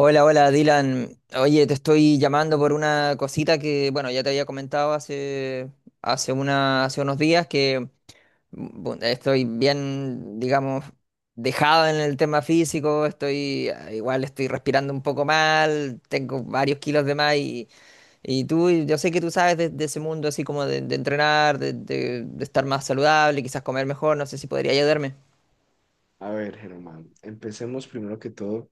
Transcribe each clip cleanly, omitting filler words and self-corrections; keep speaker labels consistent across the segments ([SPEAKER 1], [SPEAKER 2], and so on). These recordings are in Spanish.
[SPEAKER 1] Hola, hola Dylan. Oye, te estoy llamando por una cosita que, bueno, ya te había comentado hace unos días que estoy bien, digamos, dejado en el tema físico, igual estoy respirando un poco mal, tengo varios kilos de más y tú, yo sé que tú sabes de ese mundo así como de entrenar, de estar más saludable, quizás comer mejor, no sé si podría ayudarme.
[SPEAKER 2] A ver, Germán, empecemos primero que todo.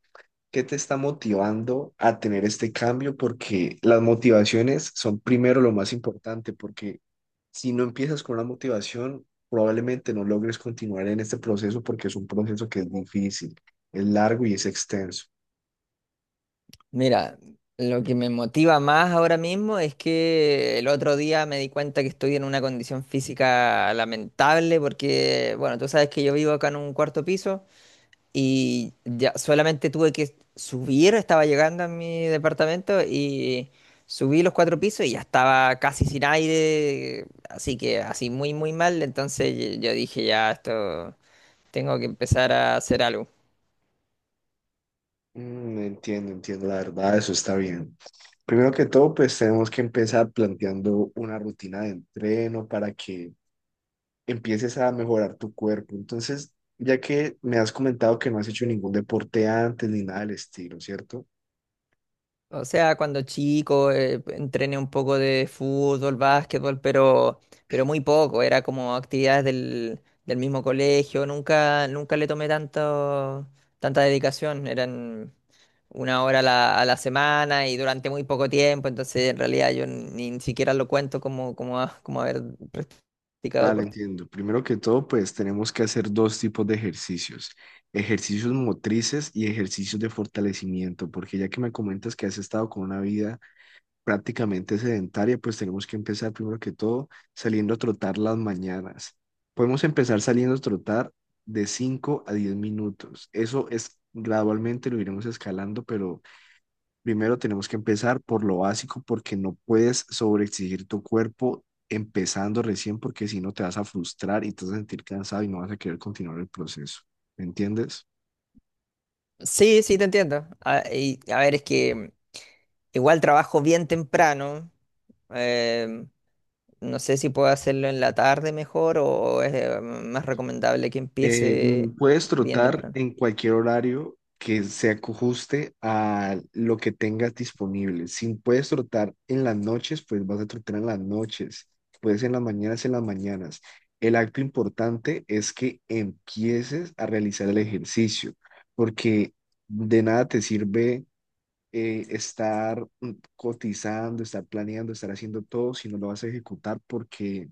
[SPEAKER 2] ¿Qué te está motivando a tener este cambio? Porque las motivaciones son primero lo más importante, porque si no empiezas con una motivación, probablemente no logres continuar en este proceso porque es un proceso que es difícil, es largo y es extenso.
[SPEAKER 1] Mira, lo que me motiva más ahora mismo es que el otro día me di cuenta que estoy en una condición física lamentable porque, bueno, tú sabes que yo vivo acá en un cuarto piso y ya solamente tuve que subir, estaba llegando a mi departamento y subí los cuatro pisos y ya estaba casi sin aire, así que así muy, muy mal, entonces yo dije, ya, esto tengo que empezar a hacer algo.
[SPEAKER 2] Mm, entiendo, entiendo, la verdad, eso está bien. Primero que todo, pues tenemos que empezar planteando una rutina de entreno para que empieces a mejorar tu cuerpo. Entonces, ya que me has comentado que no has hecho ningún deporte antes ni nada del estilo, ¿cierto?
[SPEAKER 1] O sea, cuando chico entrené un poco de fútbol, básquetbol, pero muy poco. Era como actividades del mismo colegio. Nunca, nunca le tomé tanta dedicación. Eran una hora a la semana y durante muy poco tiempo. Entonces, en realidad, yo ni siquiera lo cuento como haber practicado
[SPEAKER 2] Vale,
[SPEAKER 1] deporte.
[SPEAKER 2] entiendo. Primero que todo, pues tenemos que hacer dos tipos de ejercicios, ejercicios motrices y ejercicios de fortalecimiento, porque ya que me comentas que has estado con una vida prácticamente sedentaria, pues tenemos que empezar primero que todo saliendo a trotar las mañanas. Podemos empezar saliendo a trotar de 5 a 10 minutos. Eso es gradualmente lo iremos escalando, pero primero tenemos que empezar por lo básico porque no puedes sobreexigir tu cuerpo empezando recién porque si no te vas a frustrar y te vas a sentir cansado y no vas a querer continuar el proceso. ¿Me entiendes?
[SPEAKER 1] Sí, sí, te entiendo. A ver, es que igual trabajo bien temprano. eh, no sé si puedo hacerlo en la tarde mejor o es más recomendable que empiece
[SPEAKER 2] Puedes
[SPEAKER 1] bien
[SPEAKER 2] trotar
[SPEAKER 1] temprano.
[SPEAKER 2] en cualquier horario que se ajuste a lo que tengas disponible. Si puedes trotar en las noches, pues vas a trotar en las noches. Puedes en las mañanas, en las mañanas. El acto importante es que empieces a realizar el ejercicio, porque de nada te sirve estar cotizando, estar planeando, estar haciendo todo, si no lo vas a ejecutar, porque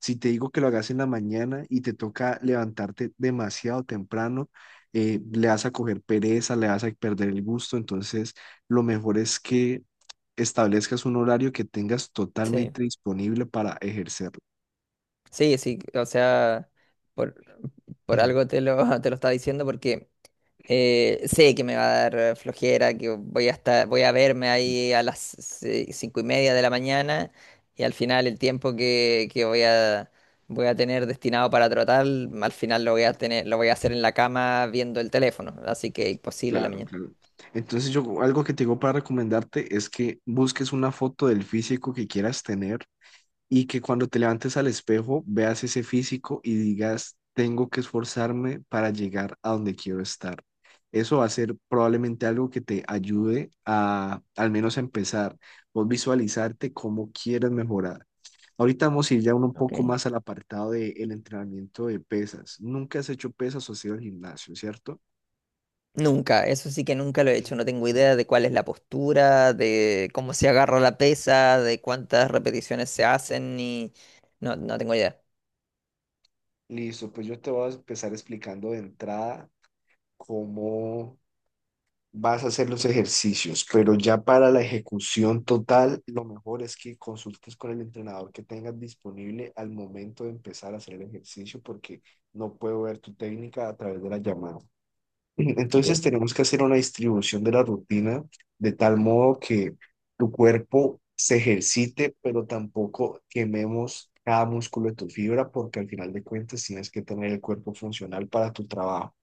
[SPEAKER 2] si te digo que lo hagas en la mañana y te toca levantarte demasiado temprano, le vas a coger pereza, le vas a perder el gusto, entonces lo mejor es que establezcas un horario que tengas
[SPEAKER 1] Sí,
[SPEAKER 2] totalmente disponible para ejercerlo.
[SPEAKER 1] sí, sí. O sea, por, por
[SPEAKER 2] Mm.
[SPEAKER 1] algo te lo, te lo estaba diciendo porque. Sé que me va a dar flojera, que voy a verme ahí a las 5:30 de la mañana y al final el tiempo que voy a tener destinado para trotar, al final lo voy a hacer en la cama viendo el teléfono, así que imposible en la
[SPEAKER 2] Claro,
[SPEAKER 1] mañana.
[SPEAKER 2] claro. Entonces yo algo que te digo para recomendarte es que busques una foto del físico que quieras tener y que cuando te levantes al espejo veas ese físico y digas, tengo que esforzarme para llegar a donde quiero estar. Eso va a ser probablemente algo que te ayude a al menos a empezar, vos visualizarte cómo quieres mejorar. Ahorita vamos a ir ya uno un
[SPEAKER 1] Ok.
[SPEAKER 2] poco más al apartado del entrenamiento de pesas. Nunca has hecho pesas o has ido al gimnasio, ¿cierto?
[SPEAKER 1] Nunca, eso sí que nunca lo he hecho, no tengo idea de cuál es la postura, de cómo se agarra la pesa, de cuántas repeticiones se hacen, ni. No, no tengo idea.
[SPEAKER 2] Listo, pues yo te voy a empezar explicando de entrada cómo vas a hacer los ejercicios, pero ya para la ejecución total, lo mejor es que consultes con el entrenador que tengas disponible al momento de empezar a hacer el ejercicio, porque no puedo ver tu técnica a través de la llamada. Entonces
[SPEAKER 1] Ok.
[SPEAKER 2] tenemos que hacer una distribución de la rutina de tal modo que tu cuerpo se ejercite, pero tampoco quememos cada músculo de tu fibra, porque al final de cuentas tienes que tener el cuerpo funcional para tu trabajo.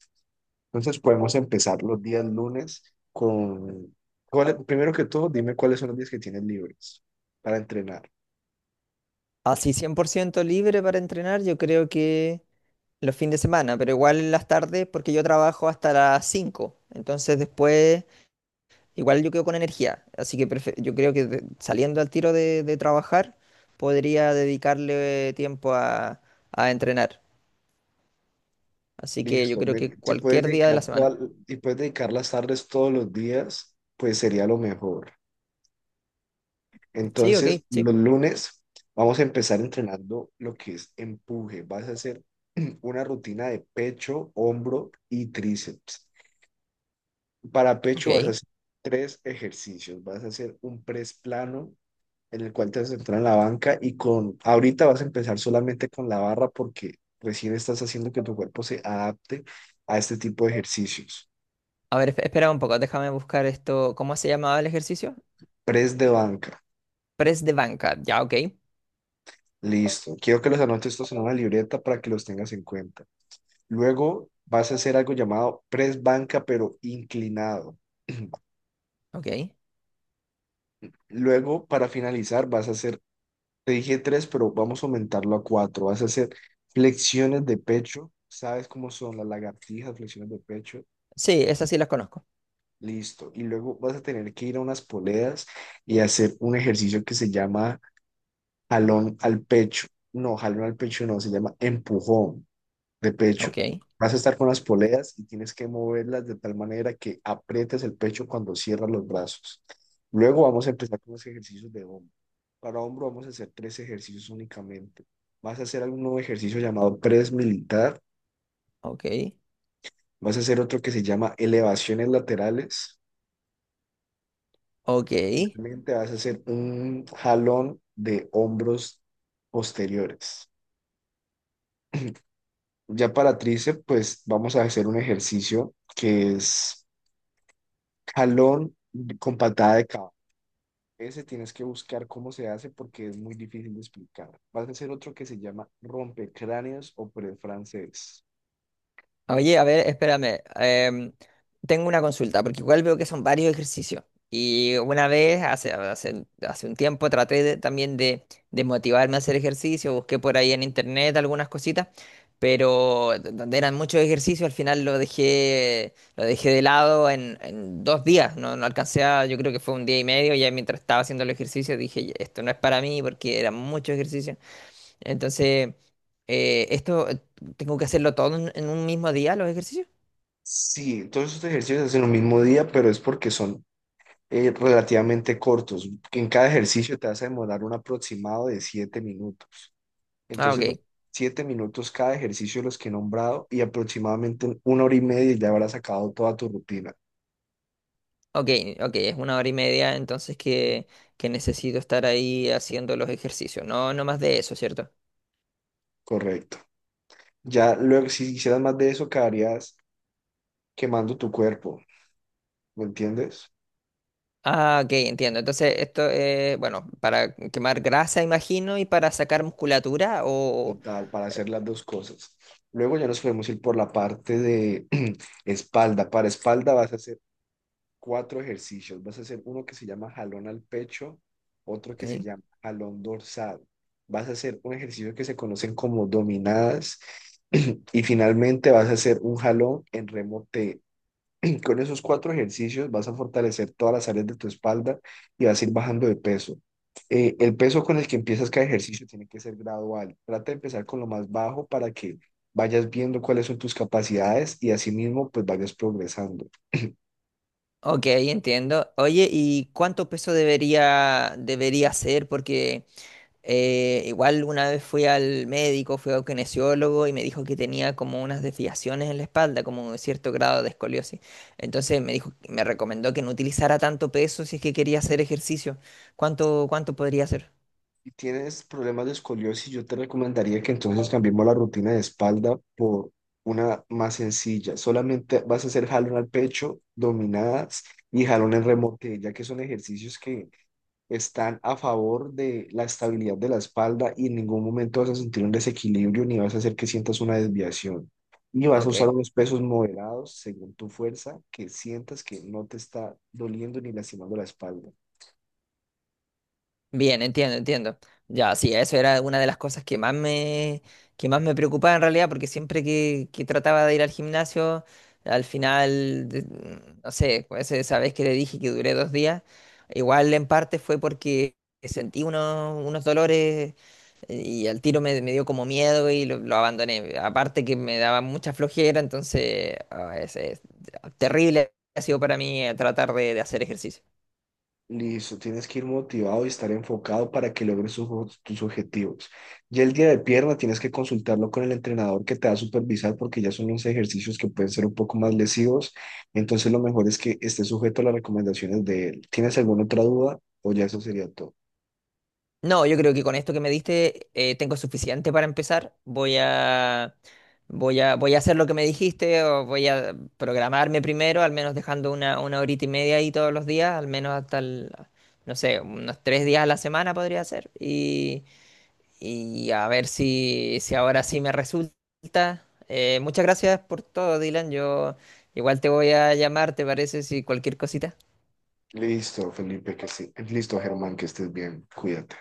[SPEAKER 2] Entonces podemos empezar los días lunes con, primero que todo, dime cuáles son los días que tienes libres para entrenar.
[SPEAKER 1] Así 100% libre para entrenar, yo creo que los fines de semana, pero igual en las tardes, porque yo trabajo hasta las 5. Entonces después igual yo quedo con energía, así que yo creo que saliendo al tiro de trabajar podría dedicarle tiempo a entrenar, así que yo
[SPEAKER 2] Listo.
[SPEAKER 1] creo que cualquier día de la semana.
[SPEAKER 2] Si puedes dedicar las tardes todos los días, pues sería lo mejor.
[SPEAKER 1] Sí, ok,
[SPEAKER 2] Entonces,
[SPEAKER 1] sí,
[SPEAKER 2] los lunes vamos a empezar entrenando lo que es empuje. Vas a hacer una rutina de pecho, hombro y tríceps. Para pecho vas a
[SPEAKER 1] ok.
[SPEAKER 2] hacer tres ejercicios. Vas a hacer un press plano en el cual te vas a centrar en la banca y con, ahorita vas a empezar solamente con la barra porque recién estás haciendo que tu cuerpo se adapte a este tipo de ejercicios.
[SPEAKER 1] A ver, espera un poco, déjame buscar esto, ¿cómo se llamaba el ejercicio?
[SPEAKER 2] Press de banca,
[SPEAKER 1] Press de banca, ya, ok,
[SPEAKER 2] listo. Quiero que los anotes estos en una libreta para que los tengas en cuenta. Luego vas a hacer algo llamado press banca, pero inclinado.
[SPEAKER 1] ok.
[SPEAKER 2] Luego, para finalizar, vas a hacer, te dije tres, pero vamos a aumentarlo a cuatro. Vas a hacer flexiones de pecho. ¿Sabes cómo son las lagartijas, flexiones de pecho?
[SPEAKER 1] Sí, esas sí las conozco,
[SPEAKER 2] Listo. Y luego vas a tener que ir a unas poleas y hacer un ejercicio que se llama jalón al pecho. No, jalón al pecho no, se llama empujón de pecho.
[SPEAKER 1] ok,
[SPEAKER 2] Vas a estar con las poleas y tienes que moverlas de tal manera que aprietes el pecho cuando cierras los brazos. Luego vamos a empezar con los ejercicios de hombro. Para hombro vamos a hacer tres ejercicios únicamente. Vas a hacer algún nuevo ejercicio llamado press militar.
[SPEAKER 1] ok.
[SPEAKER 2] Vas a hacer otro que se llama elevaciones laterales.
[SPEAKER 1] Ok.
[SPEAKER 2] Finalmente vas a hacer un jalón de hombros posteriores. Ya para tríceps, pues vamos a hacer un ejercicio que es jalón con patada de cabo. Ese tienes que buscar cómo se hace porque es muy difícil de explicar. Vas a hacer otro que se llama rompecráneos o pre francés.
[SPEAKER 1] Oye, a ver, espérame. Tengo una consulta, porque igual veo que son varios ejercicios. Y una vez, hace un tiempo, traté también de motivarme a hacer ejercicio. Busqué por ahí en internet algunas cositas, pero donde eran muchos ejercicios, al final lo dejé de lado en 2 días. No, no alcancé a, yo creo que fue un día y medio. Ya mientras estaba haciendo el ejercicio, dije, esto no es para mí porque eran muchos ejercicios. Entonces. ¿Esto tengo que hacerlo todo en un mismo día, los ejercicios?
[SPEAKER 2] Sí, todos estos ejercicios se hacen el mismo día, pero es porque son relativamente cortos. En cada ejercicio te vas a demorar un aproximado de 7 minutos.
[SPEAKER 1] Ah,
[SPEAKER 2] Entonces, los
[SPEAKER 1] ok,
[SPEAKER 2] 7 minutos cada ejercicio de los que he nombrado y aproximadamente en una hora y media ya habrás sacado toda tu rutina.
[SPEAKER 1] ok, ok, es una hora y media, entonces que necesito estar ahí haciendo los ejercicios, no, no más de eso, ¿cierto?
[SPEAKER 2] Correcto. Ya luego, si hicieras más de eso, quedarías quemando tu cuerpo, ¿me entiendes?
[SPEAKER 1] Ah, ok, entiendo. Entonces, esto es, bueno, para quemar grasa, imagino, y para sacar musculatura, o.
[SPEAKER 2] Total, para hacer las dos cosas. Luego ya nos podemos ir por la parte de espalda. Para espalda vas a hacer cuatro ejercicios. Vas a hacer uno que se llama jalón al pecho, otro
[SPEAKER 1] Ok,
[SPEAKER 2] que se llama jalón dorsal. Vas a hacer un ejercicio que se conocen como dominadas y finalmente vas a hacer un jalón en remo T. Con esos cuatro ejercicios vas a fortalecer todas las áreas de tu espalda y vas a ir bajando de peso. El peso con el que empiezas cada ejercicio tiene que ser gradual. Trata de empezar con lo más bajo para que vayas viendo cuáles son tus capacidades y asimismo pues vayas progresando.
[SPEAKER 1] ok, entiendo. Oye, ¿y cuánto peso debería ser? Porque. Igual una vez fui al médico, fui a un kinesiólogo y me dijo que tenía como unas desviaciones en la espalda, como un cierto grado de escoliosis. Entonces me dijo, me recomendó que no utilizara tanto peso si es que quería hacer ejercicio. ¿Cuánto podría hacer?
[SPEAKER 2] Si tienes problemas de escoliosis, yo te recomendaría que entonces cambiemos la rutina de espalda por una más sencilla. Solamente vas a hacer jalón al pecho, dominadas y jalón en remote, ya que son ejercicios que están a favor de la estabilidad de la espalda y en ningún momento vas a sentir un desequilibrio ni vas a hacer que sientas una desviación. Y vas a
[SPEAKER 1] Ok.
[SPEAKER 2] usar unos pesos moderados según tu fuerza, que sientas que no te está doliendo ni lastimando la espalda.
[SPEAKER 1] Bien, entiendo, entiendo. Ya, sí, eso era una de las cosas que más me preocupaba en realidad, porque siempre que trataba de ir al gimnasio, al final, no sé, pues, esa vez que le dije que duré 2 días, igual en parte fue porque sentí unos dolores y al tiro me dio como miedo y lo abandoné. Aparte que me daba mucha flojera, entonces es terrible ha sido para mí tratar de hacer ejercicio.
[SPEAKER 2] Listo, tienes que ir motivado y estar enfocado para que logres tus objetivos. Y el día de pierna tienes que consultarlo con el entrenador que te va a supervisar porque ya son unos ejercicios que pueden ser un poco más lesivos. Entonces lo mejor es que estés sujeto a las recomendaciones de él. ¿Tienes alguna otra duda o ya eso sería todo?
[SPEAKER 1] No, yo creo que con esto que me diste tengo suficiente para empezar. Voy a hacer lo que me dijiste o voy a programarme primero, al menos dejando una horita y media ahí todos los días, al menos hasta el, no sé, unos 3 días a la semana podría ser. Y a ver si ahora sí me resulta. Muchas gracias por todo, Dylan. Yo igual te voy a llamar, ¿te parece? Si cualquier cosita.
[SPEAKER 2] Listo, Felipe, que sí. Listo, Germán, que estés bien. Cuídate.